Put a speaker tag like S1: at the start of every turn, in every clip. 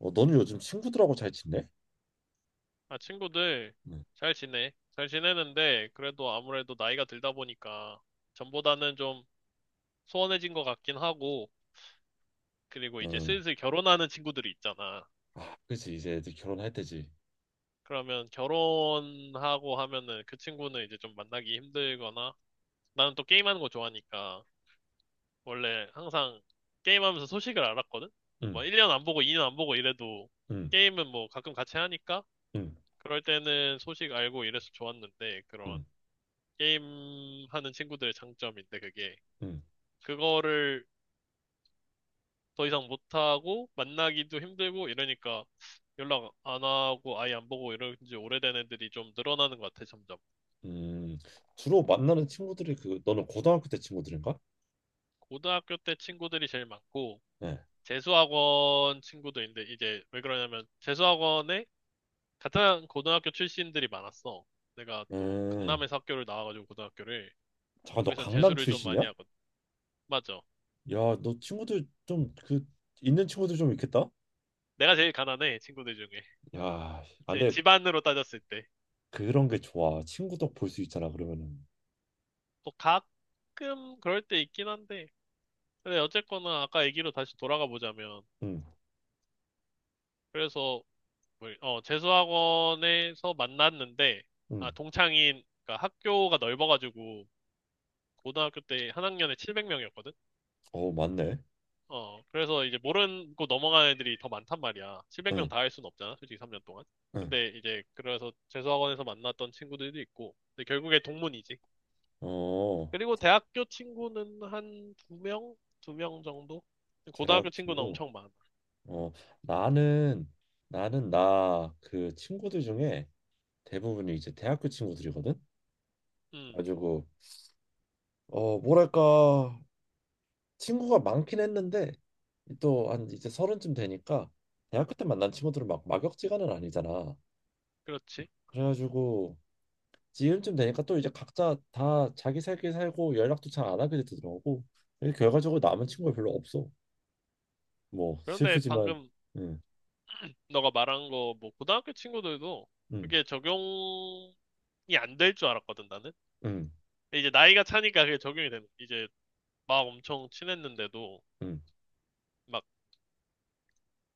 S1: 어, 너는 요즘 친구들하고 잘 지내?
S2: 아, 친구들
S1: 응.
S2: 잘 지내. 잘 지내는데 그래도 아무래도 나이가 들다 보니까 전보다는 좀 소원해진 것 같긴 하고 그리고 이제
S1: 응.
S2: 슬슬 결혼하는 친구들이 있잖아.
S1: 아, 그렇지. 이제 애들 결혼할 때지.
S2: 그러면 결혼하고 하면은 그 친구는 이제 좀 만나기 힘들거나 나는 또 게임하는 거 좋아하니까 원래 항상 게임하면서 소식을 알았거든?
S1: 응,
S2: 뭐 1년 안 보고 2년 안 보고 이래도
S1: 응,
S2: 게임은 뭐 가끔 같이 하니까
S1: 응,
S2: 그럴 때는 소식 알고 이래서 좋았는데 그런
S1: 응,
S2: 게임하는 친구들의 장점인데 그게
S1: 응.
S2: 그거를 더 이상 못하고 만나기도 힘들고 이러니까 연락 안 하고 아예 안 보고 이런 지 오래된 애들이 좀 늘어나는 것 같아 점점.
S1: 음, 주로 만나는 친구들이 그 너는 고등학교 때 친구들인가?
S2: 고등학교 때 친구들이 제일 많고
S1: 네.
S2: 재수학원 친구도 있는데 이제 왜 그러냐면 재수학원에 같은 고등학교 출신들이 많았어. 내가 또
S1: 음.
S2: 강남에서 학교를 나와가지고 고등학교를.
S1: 잠깐 너
S2: 거기선
S1: 강남
S2: 재수를 좀 많이
S1: 출신이야?
S2: 하거든. 맞아.
S1: 야, 너 친구들 좀 그 있는 친구들 좀 있겠다.
S2: 내가 제일 가난해 친구들 중에,
S1: 야, 안
S2: 제
S1: 데
S2: 집안으로 따졌을 때.
S1: 그런 게 좋아. 친구도 볼 수 있잖아. 그러면은.
S2: 또 가끔 그럴 때 있긴 한데. 근데 어쨌거나 아까 얘기로 다시 돌아가 보자면,
S1: 응,
S2: 그래서 뭐, 재수학원에서 만났는데, 아,
S1: 응.
S2: 동창인, 그러니까 학교가 넓어가지고, 고등학교 때 한 학년에 700명이었거든?
S1: 어, 맞네.
S2: 그래서 이제 모르고 넘어가는 애들이 더 많단 말이야. 700명
S1: 응,
S2: 다 할 수는 없잖아, 솔직히 3년 동안.
S1: 응.
S2: 근데 이제, 그래서 재수학원에서 만났던 친구들도 있고, 근데 결국에 동문이지.
S1: 어,
S2: 그리고 대학교 친구는 한 두 명? 두 명 정도?
S1: 대학
S2: 고등학교 친구는
S1: 친구.
S2: 엄청 많아.
S1: 어, 나는 나는 나 그 친구들 중에 대부분이 이제 대학교 친구들이거든.
S2: 음,
S1: 가지고 어, 뭐랄까 친구가 많긴 했는데 또 한 이제 30쯤 되니까 대학교 때 만난 친구들은 막 막역지간은 아니잖아.
S2: 그렇지.
S1: 그래가지고 지금쯤 되니까 또 이제 각자 다 자기 살길 살고 연락도 잘 안 하게 되더라고. 그래서 결과적으로 남은 친구가 별로 없어. 뭐
S2: 그런데
S1: 슬프지만,
S2: 방금
S1: 음,
S2: 너가 말한 거, 뭐, 고등학교 친구들도
S1: 음,
S2: 그게 적용이 안 될 줄 알았거든, 나는.
S1: 음,
S2: 근데 이제 나이가 차니까 그게 적용이 되는. 이제 막 엄청 친했는데도,
S1: 음,
S2: 막,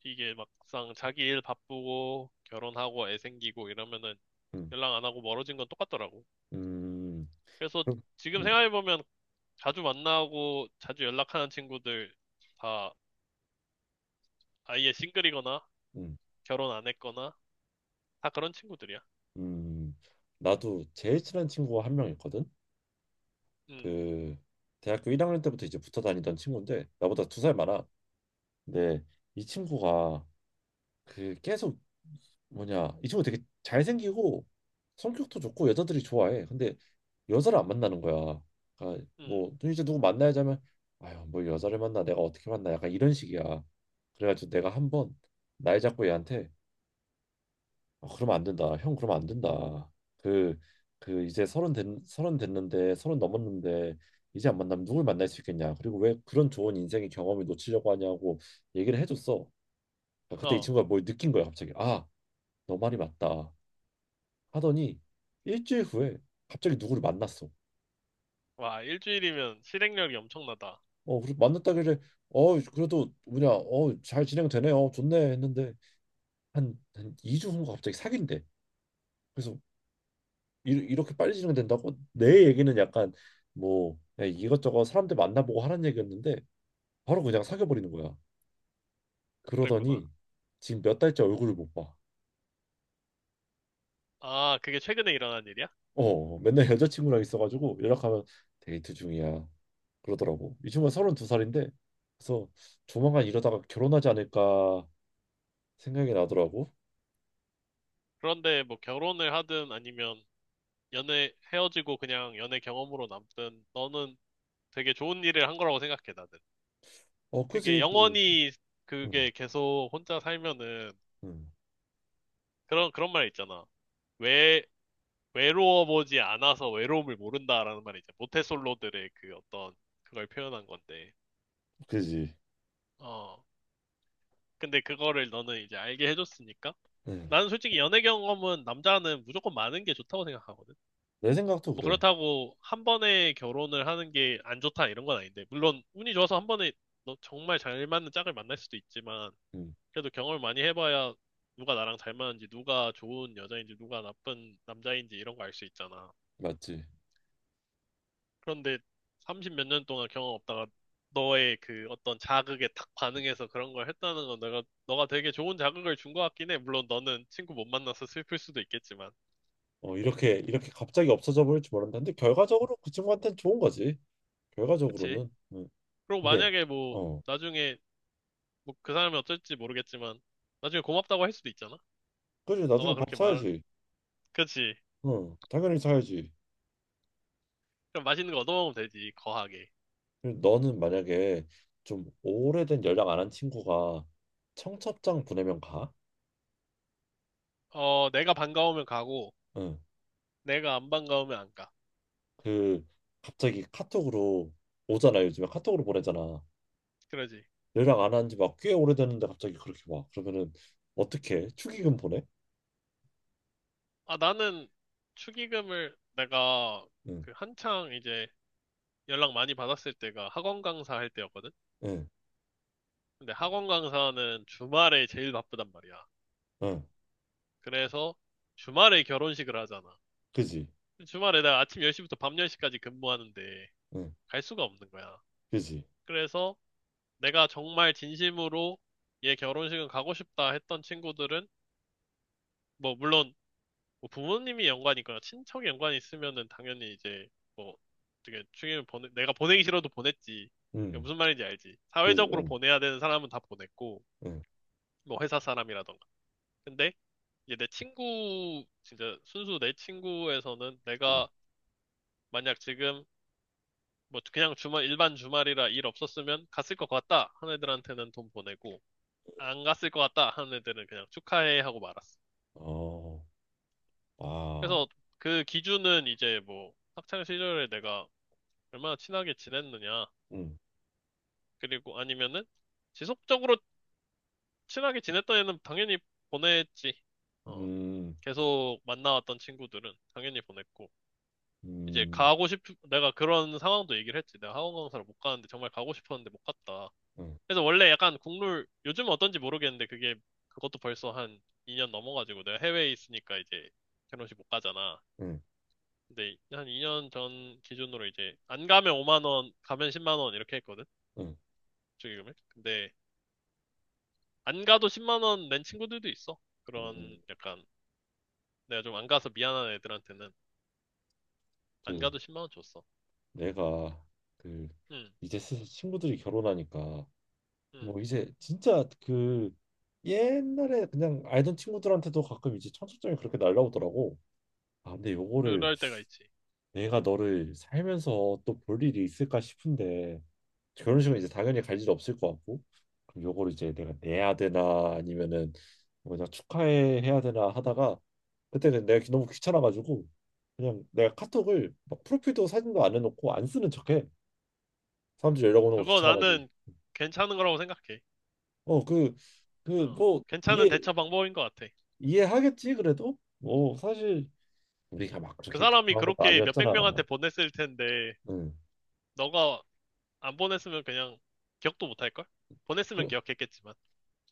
S2: 이게 막상 자기 일 바쁘고, 결혼하고, 애 생기고 이러면은
S1: 음,
S2: 연락 안 하고 멀어진 건 똑같더라고.
S1: 음,
S2: 그래서
S1: 음,
S2: 지금
S1: 음.
S2: 생각해보면 자주 만나고, 자주 연락하는 친구들 다 아예 싱글이거나,
S1: 음,
S2: 결혼 안 했거나, 다 그런 친구들이야.
S1: 음, 나도 제일 친한 친구가 한 명 있거든.
S2: 응,
S1: 그 대학교 1학년 때부터 이제 붙어 다니던 친구인데 나보다 2살 많아. 근데 이 친구가 그 계속 뭐냐 이 친구 되게 잘생기고 성격도 좋고 여자들이 좋아해. 근데 여자를 안 만나는 거야. 그러니까
S2: 응,
S1: 뭐 이제 누구 만나야지 하면 아유 뭐 여자를 만나 내가 어떻게 만나 약간 이런 식이야. 그래가지고 내가 한번 날 잡고 얘한테 어, 그러면 안 된다. 형 그러면 안 된다. 그 그 이제 서른 됐는데 서른 넘었는데 이제 안 만나면 누굴 만날 수 있겠냐. 그리고 왜 그런 좋은 인생의 경험을 놓치려고 하냐고 얘기를 해줬어. 아, 그때 이
S2: 어.
S1: 친구가 뭘 느낀 거야 갑자기. 아, 너 말이 맞다. 하더니 일주일 후에 갑자기 누구를 만났어.
S2: 와, 일주일이면 실행력이 엄청나다.
S1: 어, 그래 만났다길래 어 그래도 뭐냐 어 잘 진행되네요 좋네 했는데 한 2주 후인가 갑자기 사귄대. 그래서 이렇게 빨리 진행된다고? 내 얘기는 약간 뭐 그냥 이것저것 사람들 만나보고 하는 얘기였는데 바로 그냥 사귀어버리는 거야.
S2: 그랬구나.
S1: 그러더니 지금 몇 달째 얼굴을 못 봐.
S2: 아, 그게 최근에 일어난 일이야?
S1: 어, 맨날 여자친구랑 있어가지고 연락하면 데이트 중이야. 그러더라고. 이 친구가 32살인데 그래서 조만간 이러다가 결혼하지 않을까 생각이 나더라고.
S2: 그런데 뭐 결혼을 하든 아니면 연애 헤어지고 그냥 연애 경험으로 남든 너는 되게 좋은 일을 한 거라고 생각해, 나는.
S1: 어,
S2: 그게
S1: 그지. 그,
S2: 영원히,
S1: 응,
S2: 그게 계속 혼자 살면은
S1: 응,
S2: 그런, 그런 말 있잖아. 외, 외로워 보지 않아서 외로움을 모른다라는 말이 이제 모태솔로들의 그 어떤 그걸 표현한 건데.
S1: 그지.
S2: 어. 근데 그거를 너는 이제 알게 해줬으니까
S1: 응.
S2: 나는 솔직히 연애 경험은 남자는 무조건 많은 게 좋다고 생각하거든.
S1: 내 생각도
S2: 뭐
S1: 그래.
S2: 그렇다고 한 번에 결혼을 하는 게 안 좋다 이런 건 아닌데, 물론 운이 좋아서 한 번에 너 정말 잘 맞는 짝을 만날 수도 있지만,
S1: 응,
S2: 그래도 경험을 많이 해봐야 누가 나랑 잘 맞는지, 누가 좋은 여자인지, 누가 나쁜 남자인지 이런 거 알 수 있잖아.
S1: 맞지.
S2: 그런데 30 몇 년 동안 경험 없다가 너의 그 어떤 자극에 탁 반응해서 그런 걸 했다는 건 내가, 너가 되게 좋은 자극을 준 것 같긴 해. 물론 너는 친구 못 만나서 슬플 수도 있겠지만.
S1: 어, 이렇게 이렇게 갑자기 없어져 버릴 지 몰랐는데 데 결과적으로 그 친구한테는 좋은 거지.
S2: 그치?
S1: 결과적으로는. 응.
S2: 그리고
S1: 근데
S2: 만약에 뭐
S1: 어,
S2: 나중에, 뭐 그 사람이 어쩔지 모르겠지만 나중에 고맙다고 할 수도 있잖아.
S1: 그지 나중에
S2: 너가
S1: 밥
S2: 그렇게
S1: 사야지.
S2: 그치?
S1: 응, 당연히 사야지.
S2: 그럼 맛있는 거 얻어먹으면 되지 거하게.
S1: 그리고 너는 만약에 좀 오래된 연락 안 한 친구가 청첩장 보내면 가?
S2: 어 내가 반가우면 가고
S1: 응.
S2: 내가 안 반가우면 안 가.
S1: 그 갑자기 카톡으로 오잖아 요즘에 카톡으로 보내잖아.
S2: 그러지.
S1: 연락 안 한 지 막 꽤 오래됐는데 갑자기 그렇게 와. 그러면은 어떻게 축의금 보내?
S2: 아 나는 축의금을 내가
S1: 응,
S2: 그 한창 이제 연락 많이 받았을 때가 학원 강사 할 때였거든.
S1: 응,
S2: 근데 학원 강사는 주말에 제일 바쁘단 말이야.
S1: 응,
S2: 그래서 주말에 결혼식을 하잖아.
S1: 그지,
S2: 주말에 내가 아침 10시부터 밤 10시까지 근무하는데
S1: 응,
S2: 갈 수가 없는 거야.
S1: 그지,
S2: 그래서 내가 정말 진심으로 얘 결혼식은 가고 싶다 했던 친구들은, 뭐 물론 뭐 부모님이 연관이 있거나 친척이 연관이 있으면은 당연히 이제 뭐 되게 축의금 보내, 내가 보내기 싫어도 보냈지. 그러니까
S1: 응.
S2: 무슨 말인지 알지.
S1: 그지,
S2: 사회적으로
S1: 응,
S2: 보내야 되는 사람은 다 보냈고,
S1: 응,
S2: 뭐 회사 사람이라던가. 근데 이제 내 친구 진짜 순수 내 친구에서는
S1: 응.
S2: 내가 만약 지금 뭐 그냥 주말 일반 주말이라 일 없었으면 갔을 것 같다 하는 애들한테는 돈 보내고, 안 갔을 것 같다 하는 애들은 그냥 축하해 하고 말았어.
S1: 어, 아,
S2: 그래서 그 기준은 이제 뭐 학창 시절에 내가 얼마나 친하게 지냈느냐.
S1: 응,
S2: 그리고 아니면은 지속적으로 친하게 지냈던 애는 당연히 보냈지. 어,
S1: 음,
S2: 계속 만나왔던 친구들은 당연히 보냈고. 이제
S1: 음,
S2: 내가 그런 상황도 얘기를 했지. 내가 학원 강사를 못 가는데 정말 가고 싶었는데 못 갔다.
S1: 응,
S2: 그래서 원래 약간 국룰, 요즘은 어떤지 모르겠는데, 그게 그것도 벌써 한 2년 넘어가지고 내가 해외에 있으니까 이제 결혼식 못 가잖아.
S1: 응,
S2: 근데 한 2년 전 기준으로 이제 안 가면 5만 원, 가면 10만 원 이렇게 했거든.
S1: 응,
S2: 축의금을. 근데 안 가도 10만 원 낸 친구들도 있어.
S1: 음,
S2: 그런 약간 내가 좀 안 가서 미안한 애들한테는 안
S1: 그
S2: 가도 10만 원 줬어.
S1: 내가 그
S2: 응,
S1: 이제 슬슬 친구들이 결혼하니까
S2: 응.
S1: 뭐 이제 진짜 그 옛날에 그냥 알던 친구들한테도 가끔 이제 청첩장이 그렇게 날라오더라고. 아, 근데 요거를
S2: 그럴 때가 있지.
S1: 내가 너를 살면서 또 볼 일이 있을까 싶은데 결혼식은 이제 당연히 갈 일 없을 것 같고 그럼 요거를 이제 내가 내야 되나 아니면은 뭐냐 축하해 해야 되나 하다가 그때는 내가 너무 귀찮아가지고 그냥 내가 카톡을 막 프로필도 사진도 안 해놓고 안 쓰는 척해 사람들이 연락 오는 거
S2: 그거
S1: 귀찮아가지고
S2: 나는 괜찮은 거라고 생각해.
S1: 어 그
S2: 어,
S1: 뭐
S2: 괜찮은
S1: 이해
S2: 대처 방법인 것 같아.
S1: 이해하겠지 그래도 뭐 사실 우리가 막
S2: 그
S1: 그렇게
S2: 사람이
S1: 강한 것도
S2: 그렇게 몇백 명한테
S1: 아니었잖아
S2: 보냈을 텐데
S1: 응
S2: 너가 안 보냈으면 그냥 기억도 못 할걸? 보냈으면
S1: 그래,
S2: 기억했겠지만.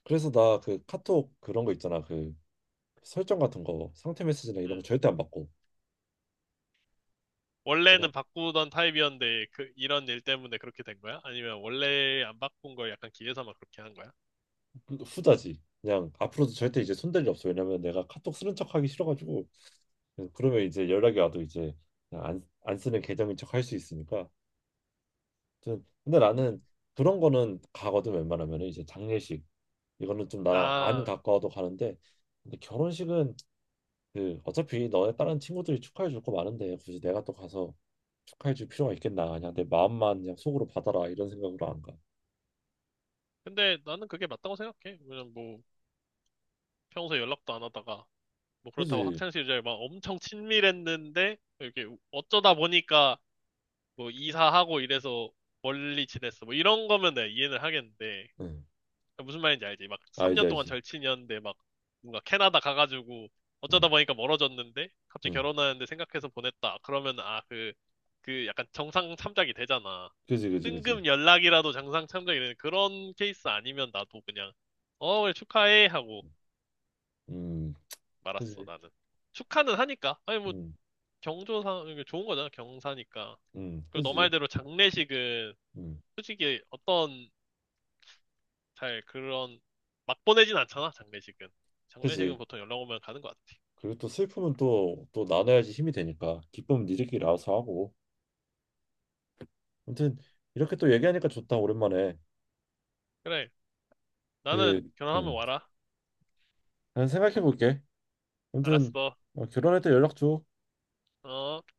S1: 그래서 나 그 카톡 그런 거 있잖아. 그 설정 같은 거 상태 메시지나 이런 거
S2: 응.
S1: 절대 안 받고 그냥
S2: 원래는 바꾸던 타입이었는데 그 이런 일 때문에 그렇게 된 거야? 아니면 원래 안 바꾼 걸 약간 기회삼아 그렇게 한 거야?
S1: 그 후자지. 그냥 앞으로도 절대 이제 손댈 일 없어. 왜냐면 내가 카톡 쓰는 척 하기 싫어가지고 그러면 이제 연락이 와도 이제 그냥 안 쓰는 계정인 척 할 수 있으니까. 아무튼 근데 나는 그런 거는 가거든 웬만하면 이제 장례식 이거는 좀 나랑 안
S2: 아,
S1: 가까워도 가는데 근데 결혼식은 그 어차피 너의 다른 친구들이 축하해 줄 거 많은데 굳이 내가 또 가서 축하해 줄 필요가 있겠나 그냥 내 마음만 그냥 속으로 받아라 이런 생각으로 안 가.
S2: 근데 나는 그게 맞다고 생각해. 왜냐면 뭐 평소에 연락도 안 하다가 뭐 그렇다고
S1: 그지?
S2: 학창 시절에 막 엄청 친밀했는데 이렇게 어쩌다 보니까 뭐 이사하고 이래서 멀리 지냈어 뭐 이런 거면 내가 이해는 하겠는데.
S1: 응.
S2: 아, 무슨 말인지 알지? 막
S1: 알지
S2: 3년 동안
S1: 알지.
S2: 절친이었는데 막 뭔가 캐나다 가가지고
S1: 응.
S2: 어쩌다 보니까 멀어졌는데 갑자기
S1: 응.
S2: 결혼하는데 생각해서 보냈다. 그러면 아, 그, 그 약간 정상 참작이 되잖아.
S1: 그지 그지 그지.
S2: 뜬금 연락이라도 정상 참작이 되는 그런 케이스 아니면 나도 그냥 어, 그래, 축하해 하고
S1: 음.
S2: 말았어,
S1: 그지.
S2: 나는. 축하는 하니까. 아니 뭐
S1: 음.
S2: 경조사 이게 좋은 거잖아, 경사니까.
S1: 음.
S2: 그리고 너
S1: 그지.
S2: 말대로 장례식은
S1: 음.
S2: 솔직히 어떤 잘 그런 막 보내진 않잖아 장례식은. 장례식은
S1: 그지.
S2: 보통 연락 오면 가는 것 같아.
S1: 그리고 또 슬픔은 또 또 나눠야지 힘이 되니까 기쁨은 니들끼리 알아서 하고. 아무튼 이렇게 또 얘기하니까 좋다 오랜만에.
S2: 그래 나는
S1: 그
S2: 결혼하면
S1: 음.
S2: 와라.
S1: 난 생각해 볼게. 아무튼
S2: 알았어.
S1: 어, 결혼할 때 연락 줘.
S2: 어.